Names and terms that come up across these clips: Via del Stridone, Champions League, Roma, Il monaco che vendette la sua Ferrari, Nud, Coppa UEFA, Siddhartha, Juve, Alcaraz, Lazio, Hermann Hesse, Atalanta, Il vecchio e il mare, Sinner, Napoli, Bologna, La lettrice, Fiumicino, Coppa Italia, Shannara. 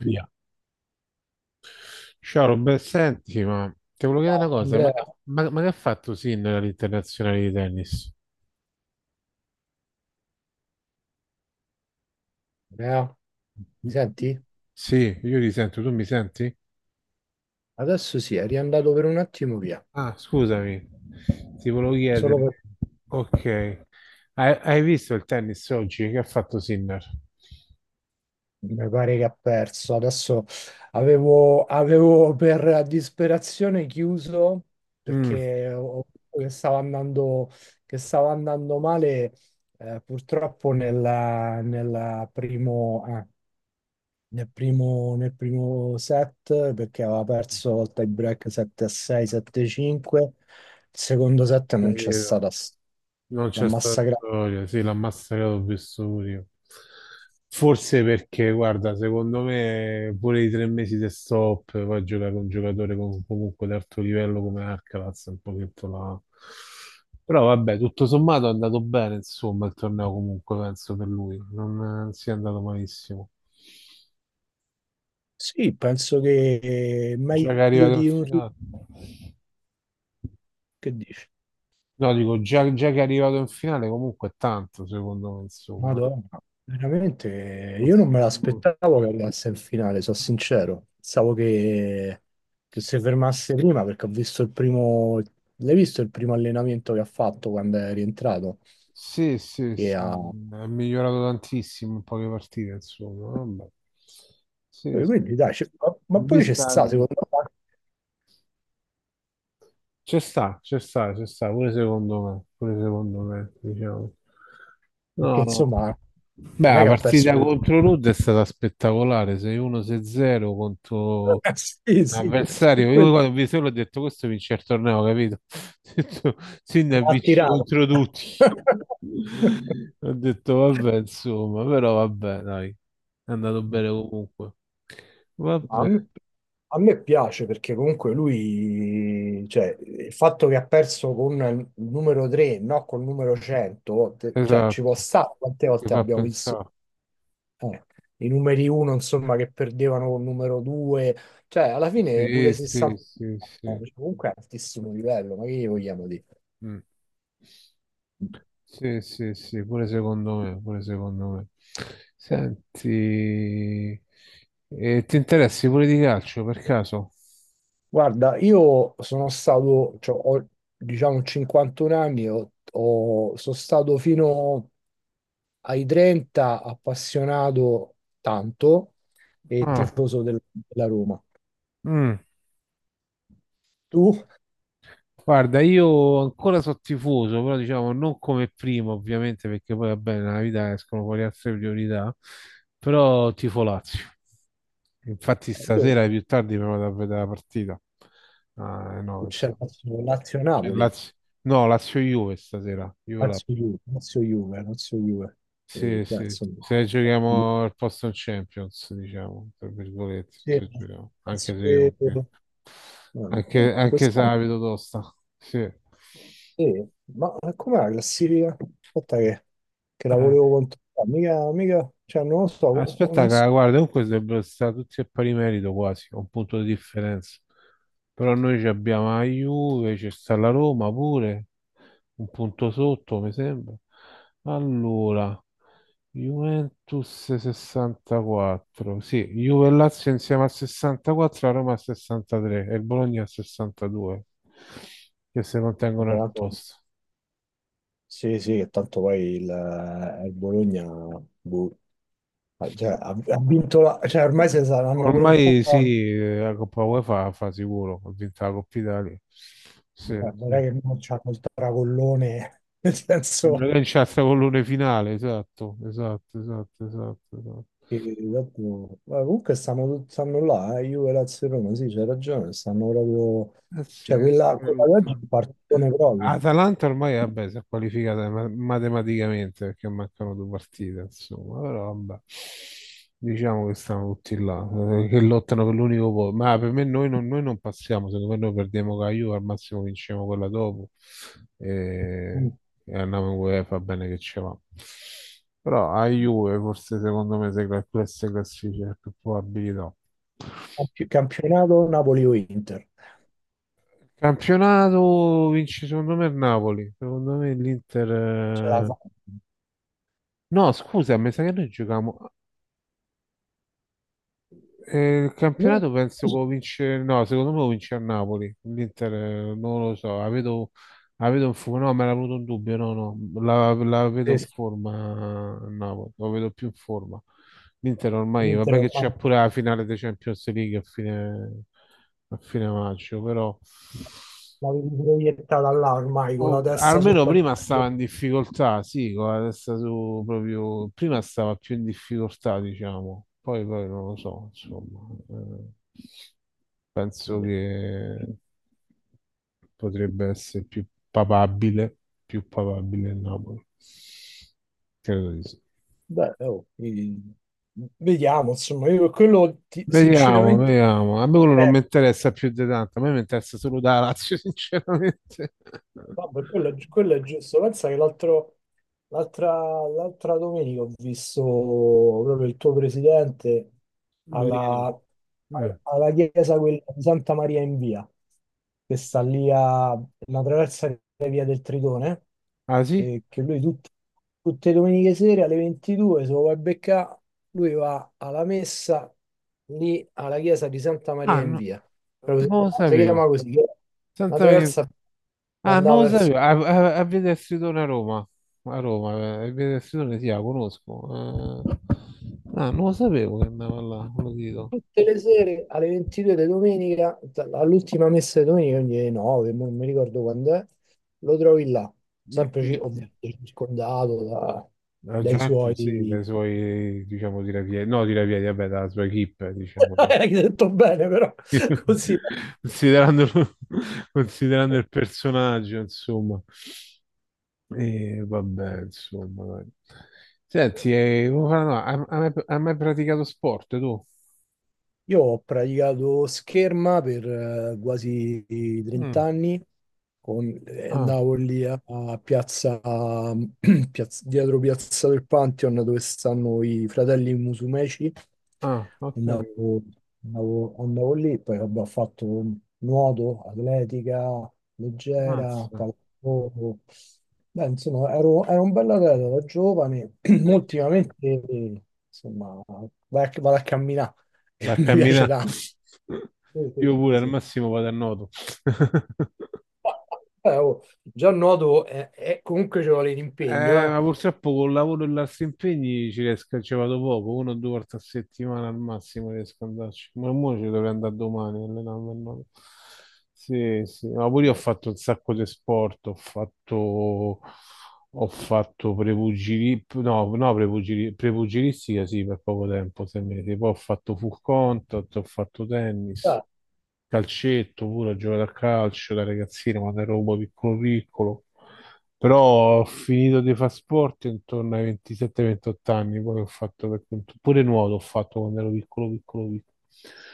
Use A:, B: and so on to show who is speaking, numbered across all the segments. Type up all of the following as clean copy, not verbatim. A: Via. Ciao Robert, senti, ma ti volevo chiedere una cosa, ma,
B: Andrea,
A: ma- ma che ha fatto Sinner all'internazionale di tennis?
B: Andrea, mi senti?
A: Sì, io ti sento, tu mi senti?
B: Adesso sì, è riandato per un attimo via,
A: Ah, scusami, ti volevo
B: solo
A: chiedere,
B: per.
A: ok, hai visto il tennis oggi che ha fatto Sinner?
B: Mi pare che ha perso. Adesso avevo per disperazione chiuso
A: Mm.
B: perché che stava andando male, purtroppo nel primo... ah, nel primo set perché aveva perso il tie break 7-6, 7-5. Il secondo set non c'è
A: Capito.
B: stata
A: Non
B: la
A: c'è stata
B: massacrata.
A: storia, sì, l'ha massacrato, ho visto pure io. Forse perché, guarda, secondo me pure i 3 mesi di stop, poi giocare con un giocatore comunque di alto livello come Alcaraz, è un pochetto la. Però vabbè, tutto sommato è andato bene, insomma, il torneo comunque, penso, per lui. Non sia andato malissimo.
B: Sì, penso che è
A: Già che è
B: meglio
A: arrivato in
B: di un
A: finale.
B: che dici.
A: No, dico, già che è arrivato in finale comunque è tanto, secondo me, insomma.
B: Madonna, veramente io non me
A: Considerando.
B: l'aspettavo che arrivasse in finale, sono sincero. Pensavo che si fermasse prima perché ho visto il primo. L'hai visto il primo allenamento che ha fatto quando è rientrato?
A: Sì, sì,
B: Che
A: sì,
B: ha
A: è migliorato tantissimo in poche partite, insomma. Vabbè. Sì, sì.
B: Quindi dai, ma poi c'è
A: Vista.
B: sta, secondo me,
A: Ci sta, ci sta, ci sta, pure secondo me, diciamo.
B: perché
A: No, no.
B: insomma
A: Beh,
B: non è
A: la
B: che ha perso
A: partita
B: molto.
A: contro Nud è stata spettacolare, 6-1-6-0 contro
B: Sì,
A: un
B: sì,
A: avversario. Io
B: quello
A: quando ho visto l'ho detto, questo vince il torneo, capito? Ho detto, Sinner
B: ha
A: vince
B: tirato.
A: contro tutti. Ho detto, vabbè, insomma, però vabbè, dai, è andato bene comunque.
B: Ma A
A: Vabbè,
B: me, a me piace perché comunque lui, cioè, il fatto che ha perso con il numero 3, no, col numero 100, cioè, ci può
A: esatto,
B: stare quante
A: ti
B: volte
A: fa
B: abbiamo visto.
A: pensare.
B: eh, i numeri uno, insomma, che perdevano con il numero due, cioè alla fine
A: Sì,
B: pure se
A: sì,
B: saltavano,
A: sì, sì.
B: cioè, comunque è altissimo livello, ma che gli vogliamo dire?
A: Mm. Sì, sì, sì, pure secondo me, pure secondo me. Senti, ti interessi pure di calcio per caso?
B: Guarda, io sono stato, cioè, ho, diciamo, 51 anni, sono stato fino ai 30 appassionato tanto e
A: Ah,
B: tifoso della Roma.
A: mm.
B: Tu?
A: Guarda, io ancora sono tifoso, però diciamo non come prima, ovviamente, perché poi va bene, nella vita escono fuori altre priorità, però tifo Lazio. Infatti
B: Io
A: stasera più tardi mi vado a vedere la partita. Ah, no,
B: c'è
A: insomma. C'è
B: Lazio-Napoli.
A: Lazio. No, Lazio-Juve stasera. Juve.
B: Lazio Juve, Lazio Juve, Lazio Juve.
A: Sì,
B: Beh,
A: sì,
B: insomma,
A: sì. Se giochiamo al posto in Champions, diciamo, tra virgolette,
B: sì,
A: se giochiamo. Anche se io,
B: Lazio- no,
A: anche se
B: quest'anno
A: la vedo tosta. Sì.
B: sì. Ma com'è la classifica? Aspetta che la
A: Eh.
B: volevo controllare. Mica, mica, cioè non lo so,
A: Aspetta,
B: non so.
A: cara, guarda, comunque dovrebbero stare tutti a pari merito quasi, a un punto di differenza. Però noi ci abbiamo la Juve, c'è sta la Roma pure, un punto sotto, mi sembra. Allora, Juventus 64, sì, Juve e Lazio insieme a 64, la Roma a 63 e il Bologna a 62, che si mantengono
B: Vabbè.
A: al posto.
B: Sì, sì, che tanto poi il Bologna, boh, cioè, ha vinto la, cioè ormai se saranno pure un po'.
A: Ormai sì, la Coppa UEFA fa sicuro, ha vinto la Coppa Italia. Sì,
B: Guarda,
A: sì.
B: non è che non c'hanno il tracollone, nel senso.
A: Sembra che in c'è il pallone finale, esatto, esatto, esatto, esatto, esatto.
B: Ma comunque stanno là, Juve, Lazio e Roma, sì, c'hai ragione, stanno proprio.
A: Eh sì,
B: Cioè, quella,
A: pure
B: quella di oggi è
A: Lucca.
B: un partitone proprio.
A: Atalanta ormai vabbè, si è qualificata matematicamente perché mancano 2 partite, insomma, però vabbè, diciamo che stanno tutti là, che lottano per l'unico posto. Ma per me noi non passiamo, secondo me noi perdiamo con la Juve, al massimo vinciamo quella dopo
B: Mm.
A: e, e andiamo in UEFA, bene che ci va. Però a Juve forse secondo me se queste classifiche più probabilità.
B: Campionato Napoli o Inter.
A: Campionato vince secondo me il Napoli, secondo me
B: Ce la
A: l'Inter. eh,
B: fa.
A: No, scusa, mi sa che noi giochiamo. Il
B: No,
A: campionato penso che
B: sì,
A: lo vince. No, secondo me lo vince a Napoli, l'Inter non lo so, la vedo in forma, no, me l'ha avuto un dubbio, no, no, la vedo
B: sì,
A: in
B: sì,
A: forma a Napoli, lo vedo più in forma. L'Inter ormai,
B: l'Inter
A: vabbè che c'è
B: ormai
A: pure la finale dei Champions League a fine, maggio, però.
B: l'avevi proiettata là ormai con la
A: Oh,
B: testa sul
A: almeno
B: Paris
A: prima stava
B: Saint-Germain.
A: in difficoltà, sì, con la testa su proprio, prima stava più in difficoltà, diciamo, poi non lo so, insomma, penso che potrebbe essere papabile, più papabile il Napoli, credo di sì.
B: Beh, oh, vediamo, insomma, io per quello
A: Vediamo,
B: sinceramente.
A: vediamo, a me quello non
B: eh,
A: mi interessa più di tanto, a me mi interessa solo da Lazio, sinceramente.
B: Vabbè, quello è giusto. Pensa che l'altra l'altra domenica ho visto proprio il tuo presidente
A: Lo dico.
B: alla,
A: Eh.
B: alla chiesa quella di Santa Maria in Via, che sta lì a una traversa di via del Tritone,
A: Ah sì?
B: che lui tutte le domeniche sere alle 22, se lo vuoi beccare, lui va alla messa lì alla chiesa di Santa Maria
A: Ah
B: in
A: no.
B: Via, proprio si
A: Non lo
B: chiama si
A: sapevo.
B: chiama così, che è una
A: Santa Maria.
B: terrazza che
A: Ah,
B: andava
A: non lo
B: verso
A: sapevo. A Via del Stridone a Roma. A Roma, a Via del Stridone, sì, la conosco. Ah, non lo sapevo che andava là, ve lo dico.
B: tutte le sere alle 22 di domenica, all'ultima messa di domenica, quindi alle 9, mo non mi ricordo quando è, lo trovi là,
A: Mm,
B: sempre
A: mm, mm.
B: ovviamente circondato
A: La
B: dai
A: gente, sì,
B: suoi.
A: dai suoi, diciamo, tirapiedi, no, tirapiedi, vabbè, dalla sua equip, diciamo.
B: Hai detto bene però, così.
A: Considerando, considerando il personaggio, insomma. E vabbè, insomma, dai. Senti, no, hai mai praticato sport tu?
B: Io ho praticato scherma per quasi 30
A: Mm.
B: anni,
A: Ah,
B: andavo lì a, a piazza, dietro Piazza del Pantheon dove stanno i fratelli Musumeci,
A: ah, ho
B: andavo,
A: capito.
B: andavo lì, poi vabbè, ho fatto nuoto, atletica, leggera,
A: Mazza.
B: pallavolo. Beh, insomma ero un bell'atleta da giovane,
A: Parecchi sport.
B: ultimamente insomma vado a camminare e
A: Vai a
B: mi piace
A: camminare.
B: tanto. Sì, sì,
A: Io
B: sì,
A: pure al
B: sì.
A: massimo vado a nuoto.
B: Oh, già nuoto comunque ci vuole l'impegno, eh.
A: Ma purtroppo col lavoro e gli altri impegni ci riesco, ci vado poco, una o due volte a settimana al massimo riesco ad andarci. Ma mo ci dovrei andare domani, allenarmi, no? Sì, sì, ma pure io ho fatto un sacco di sport, ho fatto no, no, prepugilistica sì, per poco tempo, 6 mesi, poi ho fatto full contact, ho fatto tennis,
B: Ah,
A: calcetto pure, ho giocato a calcio da ragazzino quando ero un po' piccolo piccolo. Però ho finito di fare sport intorno ai 27-28 anni, poi ho fatto per conto, pure nuoto ho fatto quando ero piccolo, piccolo, piccolo.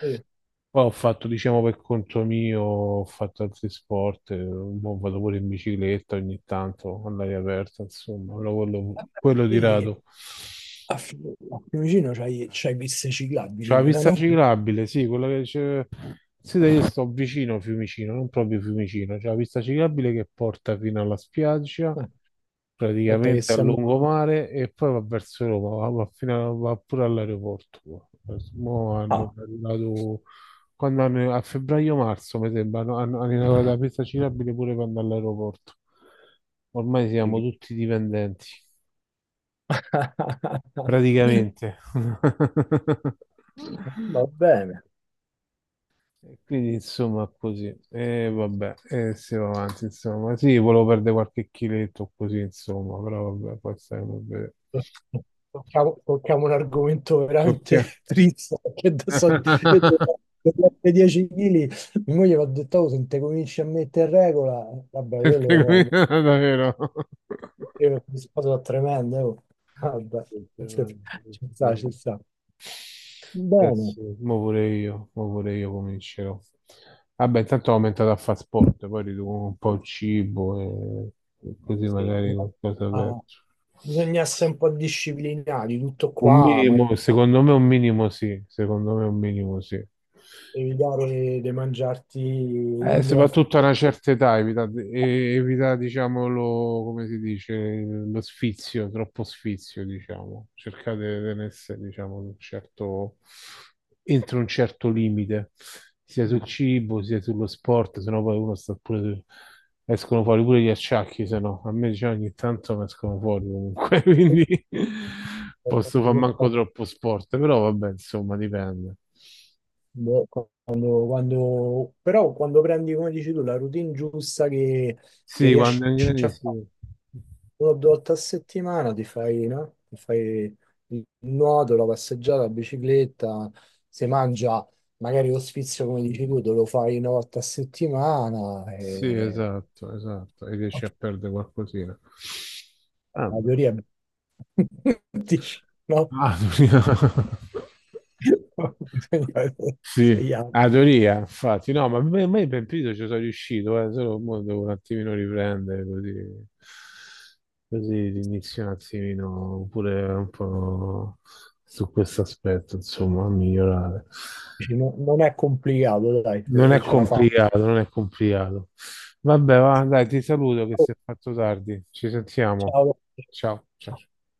B: sì.
A: Poi ho fatto, diciamo, per conto mio, ho fatto altri sport, mo vado pure in bicicletta ogni tanto, all'aria aperta, insomma, però quello di
B: Sì,
A: rado.
B: a, Fi- a Fiumicino c'hai piste
A: C'è
B: ciclabili
A: la
B: pure,
A: pista
B: no?
A: ciclabile, sì, quella che c'è. Sì, dai, io sto vicino a Fiumicino, non proprio Fiumicino, c'è la pista ciclabile che porta fino alla spiaggia,
B: Aspetta che
A: praticamente a
B: siamo.
A: lungomare, e poi va verso Roma, va pure all'aeroporto. Mo hanno
B: Ah,
A: inaugurato- a febbraio-marzo, mi sembra, hanno inaugurato la pista ciclabile pure quando all'aeroporto. Ormai siamo
B: sì.
A: tutti dipendenti, praticamente.
B: Va bene.
A: E quindi insomma così, e vabbè, e si va avanti insomma, sì, volevo perdere qualche chiletto così insomma, però vabbè, poi staremo a vedere.
B: Tocchiamo un argomento
A: Su
B: veramente
A: che?
B: triste, perché adesso io devo devo perdere 10 kg, mia moglie mi ha detto, "Oh, se non te cominci a mettere in regola, vabbè, quello
A: Perché
B: no,
A: qui davvero?
B: che cosa tremenda, oh." Guarda, ci sta, ci sta.
A: Eh
B: Bene,
A: sì, mo pure io comincerò. Vabbè, intanto ho aumentato a fare sport, poi riduco un po' il cibo e così
B: sì.
A: magari qualcosa
B: Ah,
A: perdo.
B: bisogna essere un po' disciplinati, tutto
A: Un
B: qua, ma
A: minimo, secondo me un minimo sì, secondo me un minimo sì.
B: devi dare di mangiarti quando vai a
A: Soprattutto a
B: fare-
A: una certa età, evita, evita, diciamo, lo, come si dice, lo sfizio, troppo sfizio, diciamo. Cercate di tenersi, diciamo, un certo, entro un certo limite, sia sul cibo, sia sullo sport, sennò poi uno sta pure, escono fuori pure gli acciacchi, se no, a me, diciamo, ogni tanto mi escono fuori comunque, quindi posso far manco troppo sport, però vabbè, insomma, dipende.
B: quando, quando- però quando prendi, come dici tu, la routine giusta che
A: Sì, quando
B: riesci
A: è in
B: a
A: grani, sì.
B: fare, una o due volte a settimana ti fai, no? Ti fai il nuoto, la passeggiata, la bicicletta, se mangia magari lo sfizio come dici tu, te lo fai una volta a settimana
A: Sì,
B: e
A: esatto, esatto. E riesci
B: ok,
A: a perdere qualcosina.
B: la
A: Vabbè.
B: teoria è- dici, no?
A: Ah.
B: Bisogna vedere
A: Sì,
B: se gli altri.
A: Adoria, infatti, no, ma a me per periodo ci sono riuscito, solo mo devo un attimino riprendere così inizio un attimino pure un po' su questo aspetto, insomma, a migliorare.
B: Dici, non è complicato, dai,
A: Non è
B: ce la fa.
A: complicato, non è complicato. Vabbè, va, dai, ti saluto che
B: Oh,
A: si è fatto tardi, ci sentiamo. Ciao, ciao.
B: ciao.